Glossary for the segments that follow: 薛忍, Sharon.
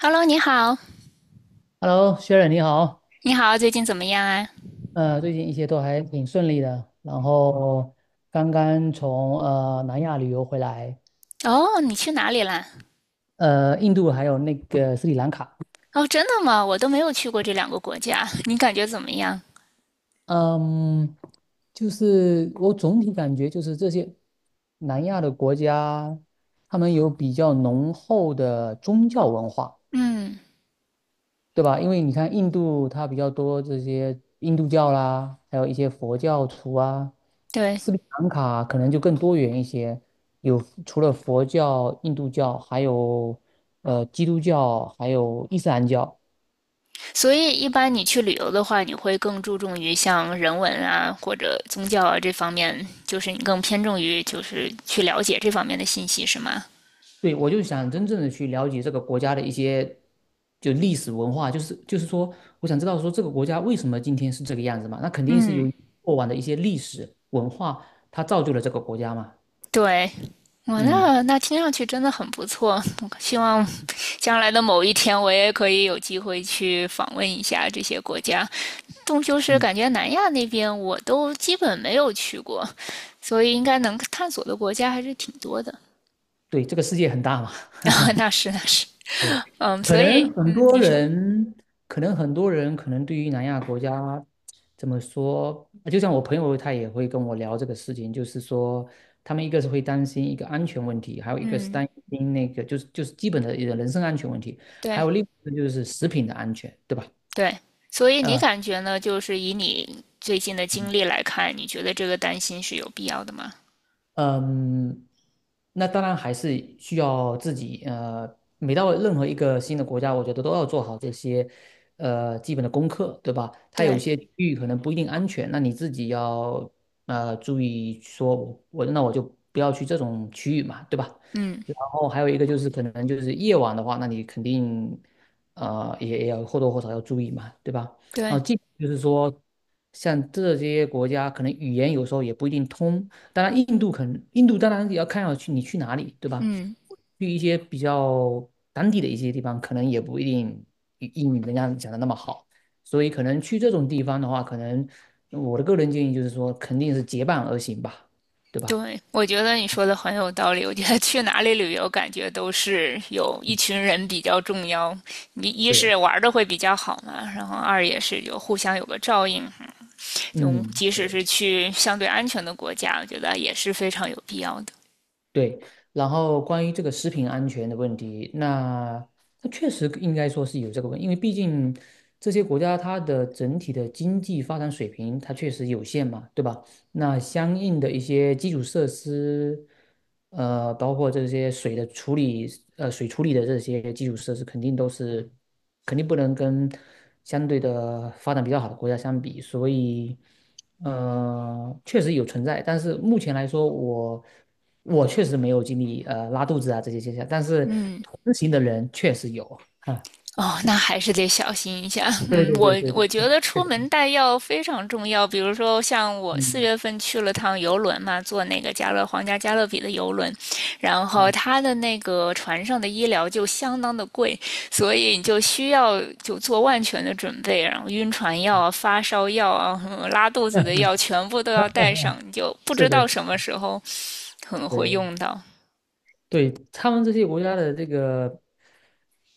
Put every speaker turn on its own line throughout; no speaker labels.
Hello，你好，
Hello，薛忍你好，
你好，最近怎么样啊？
最近一切都还挺顺利的，然后刚刚从南亚旅游回来，
哦，你去哪里啦？
印度还有那个斯里兰卡，
哦，真的吗？我都没有去过这两个国家，你感觉怎么样？
嗯，就是我总体感觉就是这些南亚的国家，他们有比较浓厚的宗教文化，
嗯，
对吧？因为你看印度它比较多这些印度教啦，还有一些佛教徒啊，
对，
斯里兰卡可能就更多元一些，有除了佛教、印度教，还有基督教，还有伊斯兰教。
所以一般你去旅游的话，你会更注重于像人文啊或者宗教啊这方面，就是你更偏重于就是去了解这方面的信息，是吗？
对，我就想真正的去了解这个国家的一些就历史文化，就是说，我想知道说这个国家为什么今天是这个样子嘛？那肯定是
嗯，
由于过往的一些历史文化，它造就了这个国家嘛。
对，我
嗯
那那听上去真的很不错，我希望将来的某一天我也可以有机会去访问一下这些国家。终究是
嗯，
感觉南亚那边我都基本没有去过，所以应该能探索的国家还是挺多的。
对，这个世界很大嘛。
那是那是，
对，
嗯，所以嗯，你说，
可能很多人，可能对于南亚国家怎么说，就像我朋友他也会跟我聊这个事情，就是说，他们一个是会担心一个安全问题，还有一个是
嗯，
担心那个就是基本的一个人身安全问题，还
对
有另一个就是食品的安全，对吧？
对，所以你
嗯
感觉呢？就是以你最近的经历来看，你觉得这个担心是有必要的吗？
嗯，那当然还是需要自己，每到任何一个新的国家，我觉得都要做好这些基本的功课，对吧？它有一
对，
些区域可能不一定安全，那你自己要注意说我就不要去这种区域嘛，对吧？
嗯，
然后还有一个就是可能就是夜晚的话，那你肯定也要或多或少要注意嘛，对吧？然
对，
后就是说，像这些国家可能语言有时候也不一定通。当然，印度当然也要看要去你去哪里，对吧？
嗯。
去一些比较当地的一些地方，可能也不一定英语人家讲的那么好，所以可能去这种地方的话，可能我的个人建议就是说，肯定是结伴而行吧，对吧？
对，我觉得你说的很有道理。我觉得去哪里旅游，感觉都是有一
嗯，
群人比较重要。你一是
对
玩的会比较好嘛，然后二也是有互相有个照应。就
嗯。
即使
对，
是去相对安全的国家，我觉得也是非常有必要的。
对，然后关于这个食品安全的问题，那它确实应该说是有这个问题，因为毕竟这些国家它的整体的经济发展水平它确实有限嘛，对吧？那相应的一些基础设施，包括这些水的处理，水处理的这些基础设施，肯定不能跟相对的发展比较好的国家相比，所以，确实有存在，但是目前来说，我确实没有经历拉肚子啊这些现象，但是
嗯，
同行的人确实有啊，
哦，那还是得小心一下。
对
嗯，
对
我
对对对，
我觉得出门带药非常重要。比如说，像我四
嗯
月份去了趟游轮嘛，坐那个加勒皇家加勒比的游轮，然后
嗯，
他的那个船上的医疗就相当的贵，所以你就需要就做万全的准备，然后晕船药啊、发烧药啊、拉肚子的药全部都要带上，你就不
是
知
的，
道
是
什么
的
时候可能会
对
用到。
对，他们这些国家的这个。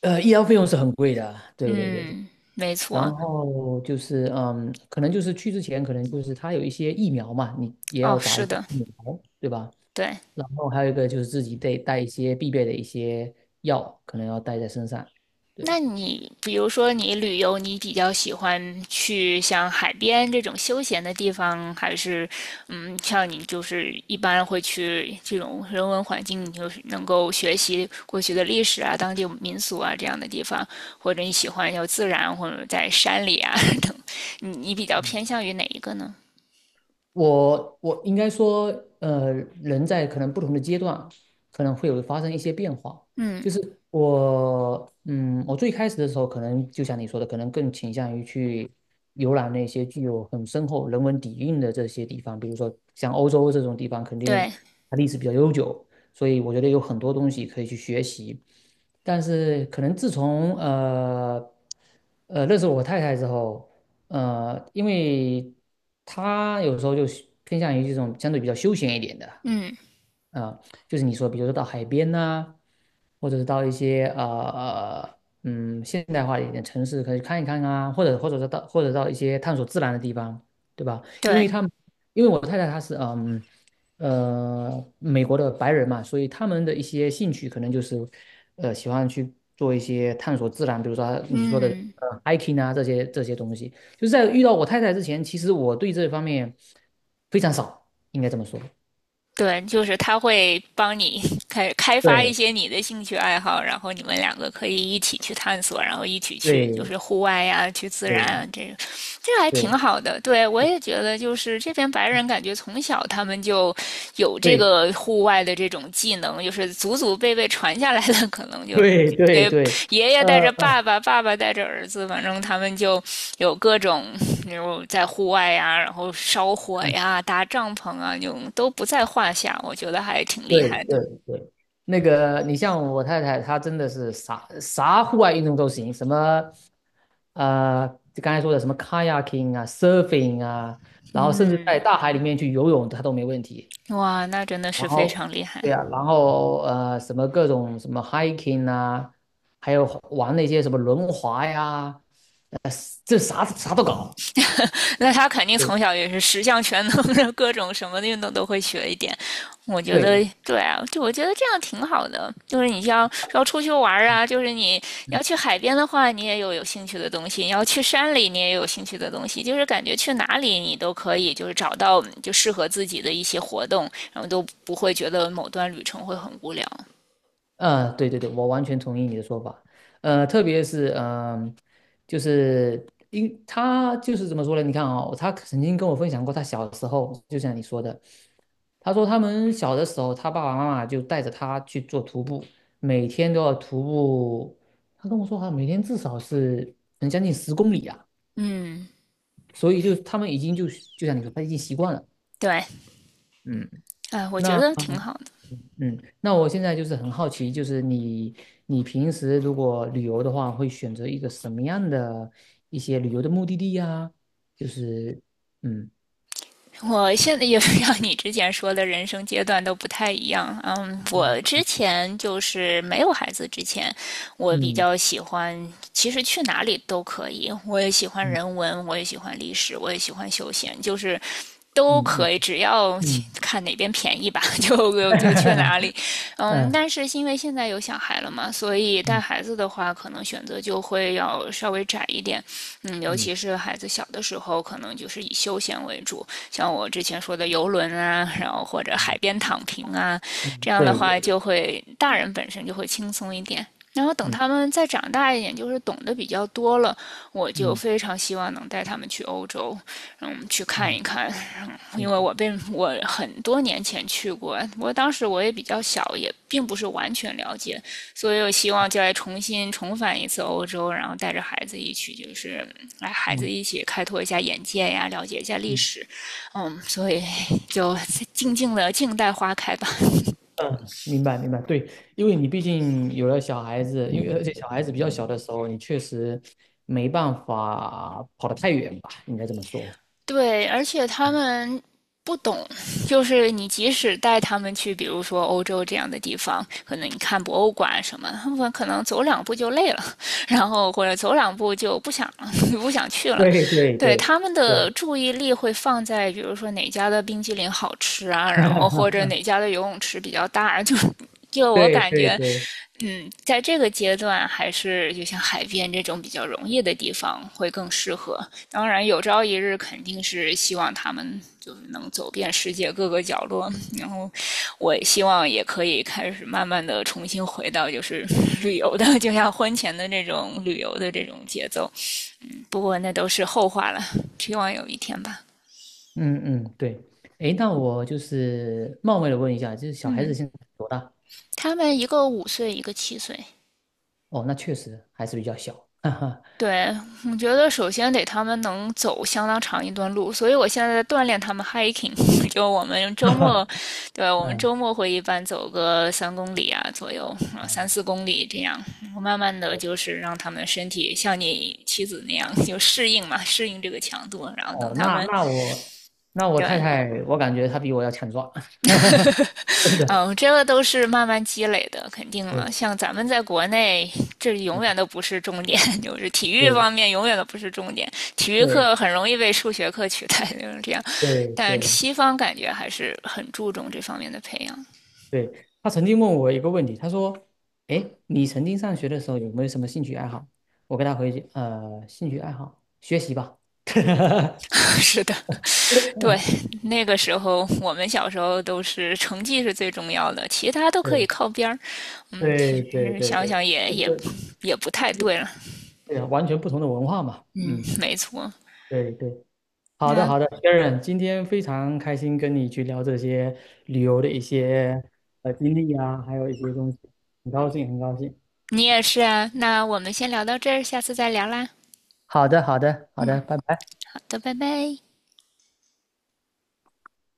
医疗费用是很贵的啊对对对对。
嗯，没错。
然后就是，可能就是去之前，可能就是他有一些疫苗嘛，你也要
哦，
打一
是
些
的，
疫苗，对吧？
对。
然后还有一个就是自己得带一些必备的一些药，可能要带在身上。
那
对，
你比如说你旅游，你比较喜欢去像海边这种休闲的地方，还是嗯，像你就是一般会去这种人文环境，你就是能够学习过去的历史啊、当地民俗啊这样的地方，或者你喜欢要自然，或者在山里啊 等，你比较
嗯。
偏向于哪一个呢？
我应该说，呃，人在可能不同的阶段，可能会有发生一些变化。
嗯，
就是我最开始的时候，可能就像你说的，可能更倾向于去游览那些具有很深厚人文底蕴的这些地方，比如说像欧洲这种地方，肯定
对，
它历史比较悠久，所以我觉得有很多东西可以去学习。但是可能自从认识我太太之后，因为他有时候就是偏向于这种相对比较休闲一点的，
嗯，
呃，就是你说，比如说到海边呐、或者是到一些现代化一点的城市，可以看一看啊，或者到一些探索自然的地方，对吧？因
对，
为他们，因为我太太她是美国的白人嘛，所以他们的一些兴趣可能就是喜欢去做一些探索自然，比如说你说的
嗯。
hiking 啊这些东西。就是在遇到我太太之前，其实我对这方面非常少，应该这么说。
对，就是他会帮你 开发一
对
些你的兴趣爱好，然后你们两个可以一起去探索，然后一起去就
对
是户外呀、去自然
对
啊，这个还挺
对
好的。对我也觉得，就是这边白人感觉从小他们就有这
对
个户外的这种技能，就是祖祖辈辈传下来的，可能就
对对
给
对，
爷爷带着
呃，
爸爸，爸爸带着儿子，反正他们就有各种，比如在户外呀，然后烧火呀、搭帐篷啊，就都不在话下。我觉得还挺厉
对
害的。
对对，那个你像我太太，她真的是啥啥户外运动都行，什么呃，就刚才说的什么 kayaking 啊，surfing 啊，然后甚至在
嗯，
大海里面去游泳，她都没问题。
哇，那真的
然
是非
后
常厉
对
害。
呀、然后什么各种什么 hiking 啊，还有玩那些什么轮滑呀，呃，这啥啥都搞。
那他肯定
对
从小也是十项全能的，各种什么运动都会学一点。我觉得
对，
对啊，就我觉得这样挺好的。就是你要出去玩
嗯
啊，就是你要
嗯
去海边的话，你也有兴趣的东西；你要去山里，你也有兴趣的东西。就是感觉去哪里你都可以，就是找到适合自己的一些活动，然后都不会觉得某段旅程会很无聊。
呃，对对对，我完全同意你的说法。特别是嗯、呃就是因他就是怎么说呢？你看啊，他曾经跟我分享过，他小时候就像你说的，他说他们小的时候，他爸爸妈妈就带着他去做徒步，每天都要徒步。他跟我说，他每天至少是能将近10公里啊，
嗯，
所以就他们已经就就像你说，他已经习惯了。
对，
嗯，
哎，我觉
那
得挺好
嗯，那我现在就是很好奇，就是你平时如果旅游的话，会选择一个什么样的一些旅游的目的地呀？就是嗯
我现在也是像你之前说的，人生阶段都不太一样。嗯，我
嗯
之前就是没有孩子之前，我比
嗯
较喜欢，其实去哪里都可以。我也喜欢人
嗯
文，我也喜欢历史，我也喜欢休闲，就是都
嗯嗯
可以，只要
嗯，
看哪边便宜吧，就去哪 里。嗯，
嗯
但是因为现在有小孩了嘛，所以带
嗯
孩子的话，可能选择就会要稍微窄一点。嗯，尤
嗯
其是孩子小的时候，可能就是以休闲为主，像我之前说的游轮啊，然后或者海
嗯
边躺平啊，
嗯，
这样的
对，
话就会大人本身就会轻松一点。然后等
嗯
他们再长大一点，就是懂得比较多了，我就
嗯嗯
非常希望能带他们去欧洲，嗯，去看一
嗯
看，因
嗯
为我很多年前去过，我当时也比较小，也并不是完全了解，所以我希望就来重新重返一次欧洲，然后带着孩子一起，就是来孩子
嗯
一起开拓一下眼界呀，了解一下历史，嗯，所以就静静的静待花开吧。
嗯，明白明白，对，因为你毕竟有了小孩子，而且小孩子比较小的时候，你确实没办法跑得太远吧，应该这么说。
对，而且他们不懂，就是你即使带他们去，比如说欧洲这样的地方，可能你看博物馆什么，他们可能走两步就累了，然后或者走两步就不想了 不想去 了。
对对
对，
对
他们的
对
注意力会放在，比如说哪家的冰激凌好吃啊，然后或者哪家的游泳池比较大，就我
对
感
对
觉。
对，
嗯，在这个阶段，还是就像海边这种比较容易的地方会更适合。当然，有朝一日肯定是希望他们就是能走遍世界各个角落，然后我希望也可以开始慢慢的重新回到就是旅游的，就像婚前的那种旅游的这种节奏。不过那都是后话了，希望有一天吧。
嗯嗯对，诶，那我就是冒昧的问一下，就是小孩子
嗯，
现在多大？
他们一个5岁，一个7岁，
哦，那确实还是比较小，哈哈，
对，我觉得首先得他们能走相当长一段路，所以我现在在锻炼他们 hiking，就我们周末，对我们
嗯
周末会一般走个3公里啊左右，啊三
嗯，
四公里这样，我慢慢的就是让他们身体像你妻子那样就适应嘛，适应这个强度，然后等
哦，
他
那
们
那我那我太
对
太，我感觉她比我要强壮，真的，
嗯，这个都是慢慢积累的，肯定了。
对，
像咱们在国内，这永
嗯
远都不是重点，就是体育方
对
面永远都不是重点。体育
对
课很容易被数学课取代，就是这样。
对
但
对
西方感觉还是很注重这方面的培养。
对，她曾经问我一个问题，她说，诶，你曾经上学的时候有没有什么兴趣爱好？我跟她回，兴趣爱好，学习吧。
是的，对，那个时候我们小时候都是成绩是最重要的，其他都可以
对
靠边儿。嗯，其
对对
实
对
想
对，
想也
就是
也不太对了。
对啊，完全不同的文化嘛。
嗯，
嗯，
没错。
对对，好的
那
好的，Sharon，今天非常开心跟你去聊这些旅游的一些经历啊，还有一些东西，很高兴很高兴。
你也是啊，那我们先聊到这儿，下次再聊啦。
好的好的好的，拜拜。
好的，拜拜。